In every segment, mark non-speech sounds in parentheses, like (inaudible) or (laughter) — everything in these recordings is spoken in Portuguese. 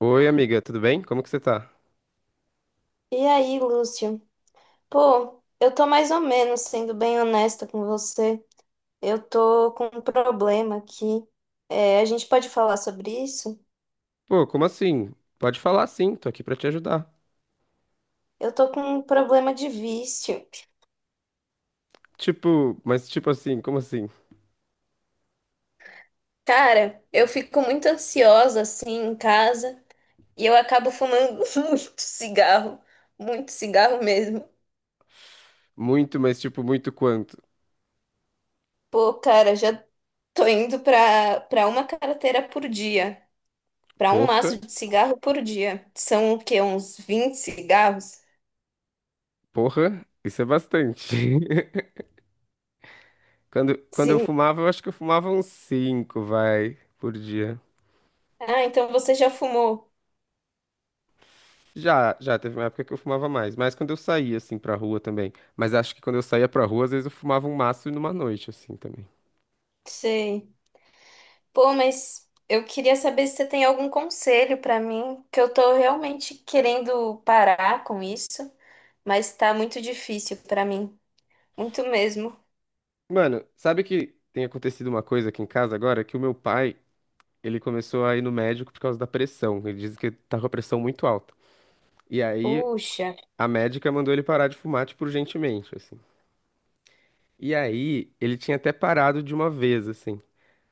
Oi, amiga, tudo bem? Como que você tá? E aí, Lúcio? Pô, eu tô mais ou menos sendo bem honesta com você. Eu tô com um problema aqui. É, a gente pode falar sobre isso? Pô, como assim? Pode falar sim, tô aqui pra te ajudar. Eu tô com um problema de vício. Tipo, mas tipo assim, como assim? Cara, eu fico muito ansiosa assim em casa e eu acabo fumando (laughs) muito cigarro, muito cigarro mesmo. Muito, mas tipo, muito quanto? Pô, cara, já tô indo pra uma carteira por dia, pra um Porra, maço de cigarro por dia. São o quê? Uns 20 cigarros? porra, isso é bastante. (laughs) Quando eu Sim. fumava, eu acho que eu fumava uns cinco, vai, por dia. Ah, então você já fumou. Já, já, teve uma época que eu fumava mais, mas quando eu saía, assim, pra rua também. Mas acho que quando eu saía pra rua, às vezes eu fumava um maço numa noite, assim, também. Sei. Pô, mas eu queria saber se você tem algum conselho pra mim, que eu tô realmente querendo parar com isso, mas tá muito difícil pra mim, muito mesmo. Mano, sabe que tem acontecido uma coisa aqui em casa agora? Que o meu pai, ele começou a ir no médico por causa da pressão. Ele diz que tá com a pressão muito alta. E aí Puxa, a médica mandou ele parar de fumar, tipo, urgentemente, assim. E aí ele tinha até parado de uma vez, assim.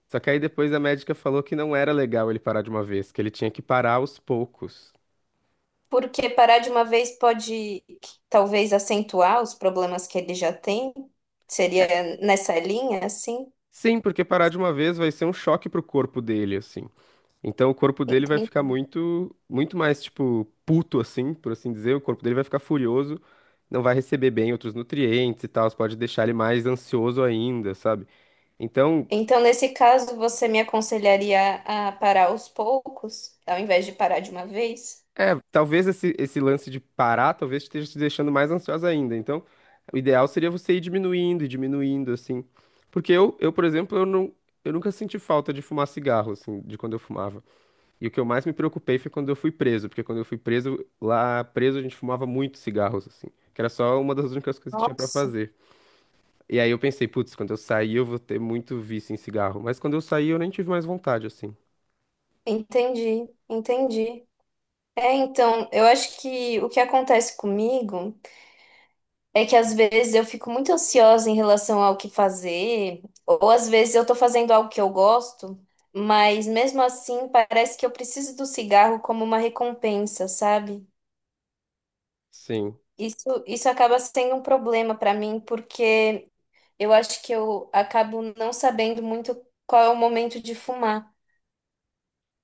Só que aí depois a médica falou que não era legal ele parar de uma vez, que ele tinha que parar aos poucos. porque parar de uma vez pode talvez acentuar os problemas que ele já tem. É, Seria nessa linha, assim? sim, porque parar de uma vez vai ser um choque pro corpo dele, assim. Então o corpo dele vai ficar muito, muito mais, tipo, puto, assim, por assim dizer. O corpo dele vai ficar furioso, não vai receber bem outros nutrientes e tal. Pode deixar ele mais ansioso ainda, sabe? Então, Então, nesse caso, você me aconselharia a parar aos poucos, ao invés de parar de uma vez? é, talvez esse lance de parar, talvez esteja te deixando mais ansiosa ainda. Então, o ideal seria você ir diminuindo e diminuindo, assim. Porque eu, por exemplo, eu nunca senti falta de fumar cigarro, assim, de quando eu fumava. E o que eu mais me preocupei foi quando eu fui preso, porque quando eu fui preso, lá preso a gente fumava muito cigarros, assim, que era só uma das únicas coisas que tinha pra Nossa. fazer. E aí eu pensei, putz, quando eu sair eu vou ter muito vício em cigarro. Mas quando eu saí eu nem tive mais vontade, assim. Entendi, entendi. É, então, eu acho que o que acontece comigo é que às vezes eu fico muito ansiosa em relação ao que fazer, ou às vezes eu tô fazendo algo que eu gosto, mas mesmo assim parece que eu preciso do cigarro como uma recompensa, sabe? Sim. Isso acaba sendo um problema para mim, porque eu acho que eu acabo não sabendo muito qual é o momento de fumar.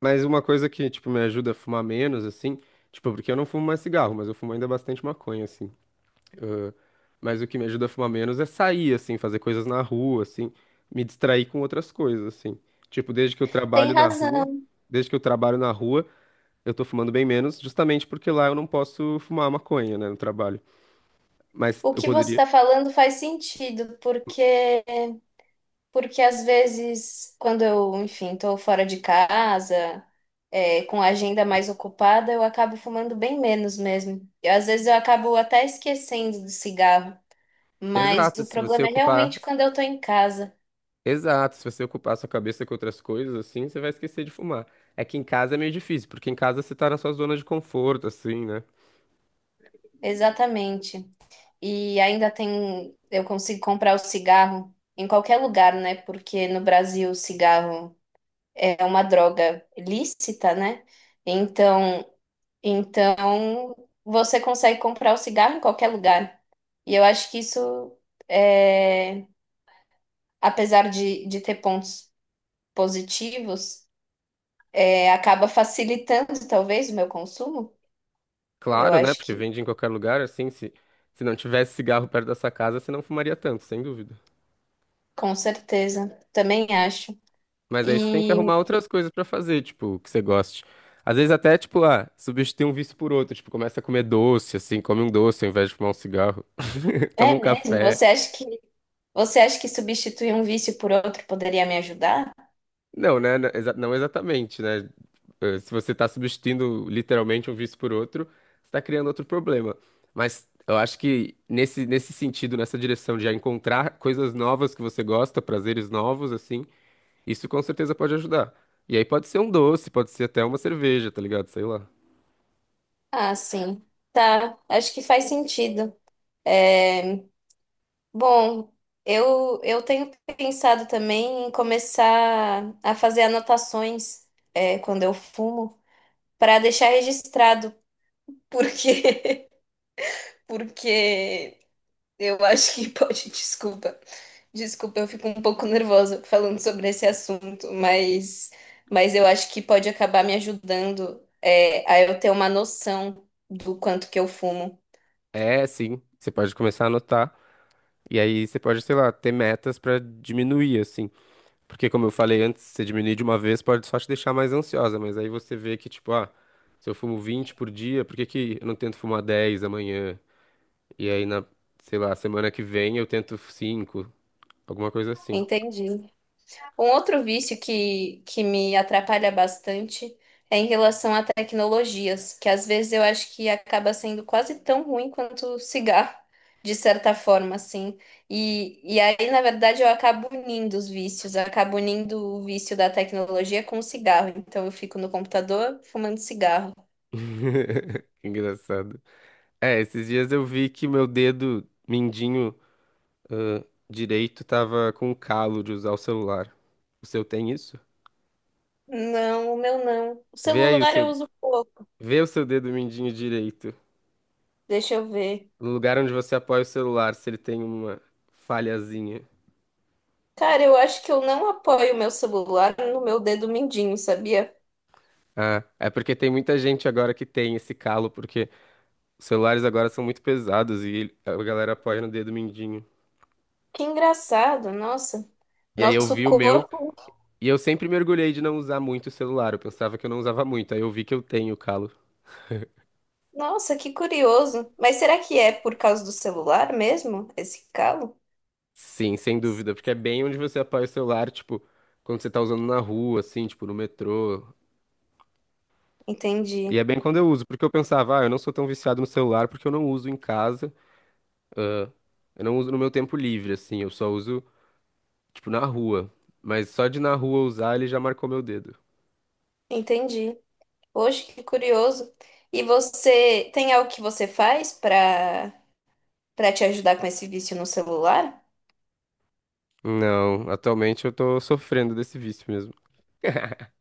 Mas uma coisa que, tipo, me ajuda a fumar menos, assim, tipo, porque eu não fumo mais cigarro, mas eu fumo ainda bastante maconha, assim. Ah, mas o que me ajuda a fumar menos é sair, assim, fazer coisas na rua, assim, me distrair com outras coisas, assim. Tipo, desde que eu Tem trabalho na rua, razão. Desde que eu trabalho na rua, eu tô fumando bem menos, justamente porque lá eu não posso fumar maconha, né, no trabalho. Mas O eu que você poderia. está falando faz sentido, porque às vezes, quando eu, enfim, tô fora de casa, é, com a agenda mais ocupada, eu acabo fumando bem menos mesmo. E às vezes eu acabo até esquecendo do cigarro. Mas Exato, o se você problema é realmente ocupar. quando eu tô em casa. Exato, se você ocupar a sua cabeça com outras coisas, assim, você vai esquecer de fumar. É que em casa é meio difícil, porque em casa você tá na sua zona de conforto, assim, né? Exatamente. E ainda tem, eu consigo comprar o cigarro em qualquer lugar, né? Porque no Brasil o cigarro é uma droga lícita, né? Então, então você consegue comprar o cigarro em qualquer lugar. E eu acho que isso, é, apesar de ter pontos positivos, é, acaba facilitando talvez o meu consumo. Eu Claro, né? acho Porque que, vende em qualquer lugar, assim, se não tivesse cigarro perto da sua casa, você não fumaria tanto, sem dúvida. com certeza, também acho. Mas aí você tem que E arrumar outras coisas pra fazer, tipo, que você goste. Às vezes até, tipo, ah, substitui um vício por outro, tipo, começa a comer doce, assim, come um doce ao invés de fumar um cigarro. (laughs) Toma é um mesmo, café. você acha que substituir um vício por outro poderia me ajudar? Não, né? Não exatamente, né? Se você tá substituindo literalmente um vício por outro, você tá criando outro problema. Mas eu acho que nesse sentido, nessa direção de já encontrar coisas novas que você gosta, prazeres novos, assim, isso com certeza pode ajudar. E aí pode ser um doce, pode ser até uma cerveja, tá ligado? Sei lá. Ah, sim. Tá, acho que faz sentido. É, bom, eu tenho pensado também em começar a fazer anotações, é, quando eu fumo. Para deixar registrado, (laughs) porque porque eu acho que (laughs) pode, desculpa. Desculpa, eu fico um pouco nervosa falando sobre esse assunto, mas eu acho que pode acabar me ajudando é, a eu ter uma noção do quanto que eu fumo. É, sim. Você pode começar a anotar. E aí você pode, sei lá, ter metas pra diminuir, assim. Porque, como eu falei antes, você diminuir de uma vez pode só te deixar mais ansiosa. Mas aí você vê que, tipo, ah, se eu fumo 20 por dia, por que que eu não tento fumar 10 amanhã? E aí, sei lá, semana que vem eu tento cinco, alguma coisa assim. Entendi. Um outro vício que me atrapalha bastante é em relação a tecnologias, que às vezes eu acho que acaba sendo quase tão ruim quanto o cigarro, de certa forma, assim. E aí, na verdade, eu acabo unindo os vícios, eu acabo unindo o vício da tecnologia com o cigarro. Então, eu fico no computador fumando cigarro. (laughs) Que engraçado. É, esses dias eu vi que meu dedo mindinho, ãh, direito tava com calo de usar o celular. O seu tem isso? Não, o meu não. O Vê aí o celular eu seu uso pouco. Vê o seu dedo mindinho direito, Deixa eu ver. no lugar onde você apoia o celular, se ele tem uma falhazinha. Cara, eu acho que eu não apoio o meu celular no meu dedo mindinho, sabia? Ah, é porque tem muita gente agora que tem esse calo, porque os celulares agora são muito pesados e a galera apoia no dedo mindinho. Que engraçado, nossa. E aí eu Nosso vi o meu, corpo. e eu sempre mergulhei de não usar muito o celular, eu pensava que eu não usava muito, aí eu vi que eu tenho o calo. Nossa, que curioso. Mas será que é por causa do celular mesmo, esse calo? Sim, sem dúvida, porque é bem onde você apoia o celular, tipo, quando você tá usando na rua, assim, tipo, no metrô. Entendi, E é bem quando eu uso, porque eu pensava, ah, eu não sou tão viciado no celular porque eu não uso em casa. Eu não uso no meu tempo livre, assim, eu só uso, tipo, na rua. Mas só de na rua usar ele já marcou meu dedo. entendi. Poxa, que curioso. E você tem algo que você faz para te ajudar com esse vício no celular? Não, atualmente eu tô sofrendo desse vício mesmo.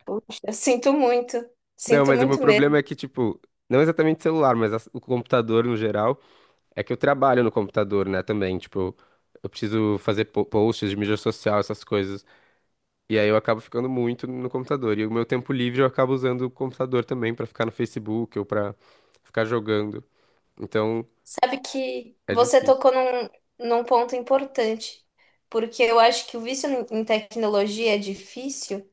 Poxa, eu (laughs) sinto muito. Não, Sinto mas o meu muito problema mesmo. é que, tipo, não exatamente celular, mas o computador no geral, é que eu trabalho no computador, né, também. Tipo, eu preciso fazer posts de mídia social, essas coisas. E aí eu acabo ficando muito no computador. E o meu tempo livre eu acabo usando o computador também pra ficar no Facebook ou pra ficar jogando. Então, Sabe que é você difícil. tocou num ponto importante, porque eu acho que o vício em tecnologia é difícil.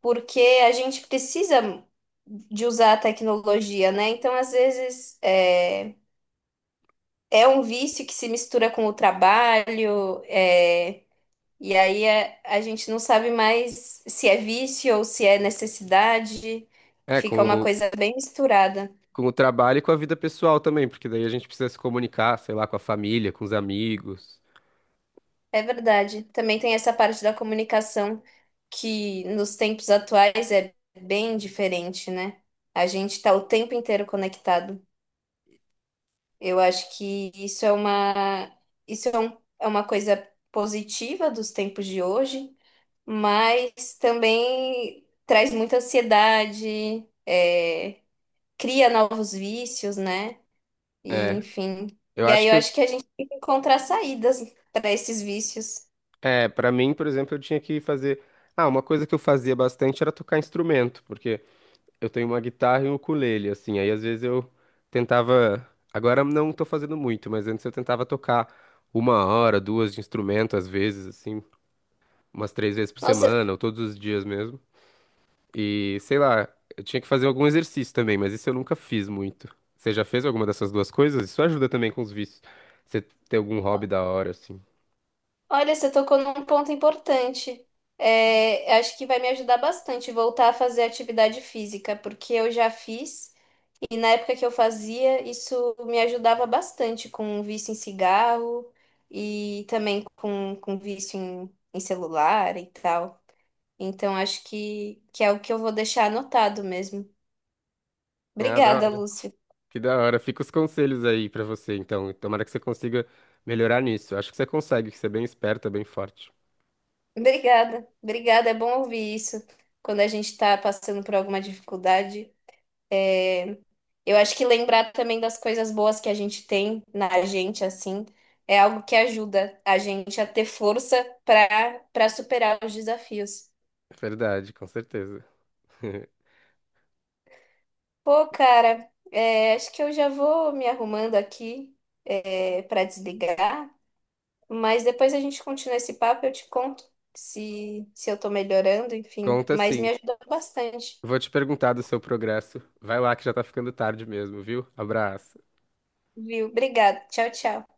Porque a gente precisa de usar a tecnologia, né? Então, às vezes, é um vício que se mistura com o trabalho, é, e aí a gente não sabe mais se é vício ou se é necessidade, É, fica uma com coisa bem misturada. Com o trabalho e com a vida pessoal também, porque daí a gente precisa se comunicar, sei lá, com a família, com os amigos. É verdade. Também tem essa parte da comunicação que nos tempos atuais é bem diferente, né? A gente está o tempo inteiro conectado. Eu acho que isso é uma, isso é, um- é uma coisa positiva dos tempos de hoje, mas também traz muita ansiedade, é, cria novos vícios, né? E É, enfim. eu E acho aí eu acho que a gente tem que encontrar saídas para esses vícios. é, para mim, por exemplo, eu tinha que fazer. Ah, uma coisa que eu fazia bastante era tocar instrumento, porque eu tenho uma guitarra e um ukulele, assim, aí às vezes eu tentava. Agora eu não tô fazendo muito, mas antes eu tentava tocar 1 hora, 2 de instrumento, às vezes, assim, umas três vezes por Nossa, semana, ou todos os dias mesmo. E sei lá, eu tinha que fazer algum exercício também, mas isso eu nunca fiz muito. Você já fez alguma dessas duas coisas? Isso ajuda também com os vícios. Você ter algum hobby da hora, assim. olha, você tocou num ponto importante. É, acho que vai me ajudar bastante voltar a fazer atividade física, porque eu já fiz. E na época que eu fazia, isso me ajudava bastante com vício em cigarro e também com vício em celular e tal. Então acho que é o que eu vou deixar anotado mesmo. Ah, da Obrigada, hora. Lúcio. Que da hora. Fica os conselhos aí pra você, então. Tomara que você consiga melhorar nisso. Acho que você consegue, que você é bem esperta, bem forte. Obrigada, obrigada. É bom ouvir isso quando a gente está passando por alguma dificuldade. É, eu acho que lembrar também das coisas boas que a gente tem na gente, assim, é algo que ajuda a gente a ter força para superar os desafios. Verdade, com certeza. (laughs) Pô, cara, é, acho que eu já vou me arrumando aqui, é, para desligar, mas depois a gente continua esse papo, e eu te conto se eu tô melhorando, enfim. Conta Mas me sim. ajudou bastante, Vou te perguntar do seu progresso. Vai lá que já tá ficando tarde mesmo, viu? Abraço. viu? Obrigada. Tchau, tchau.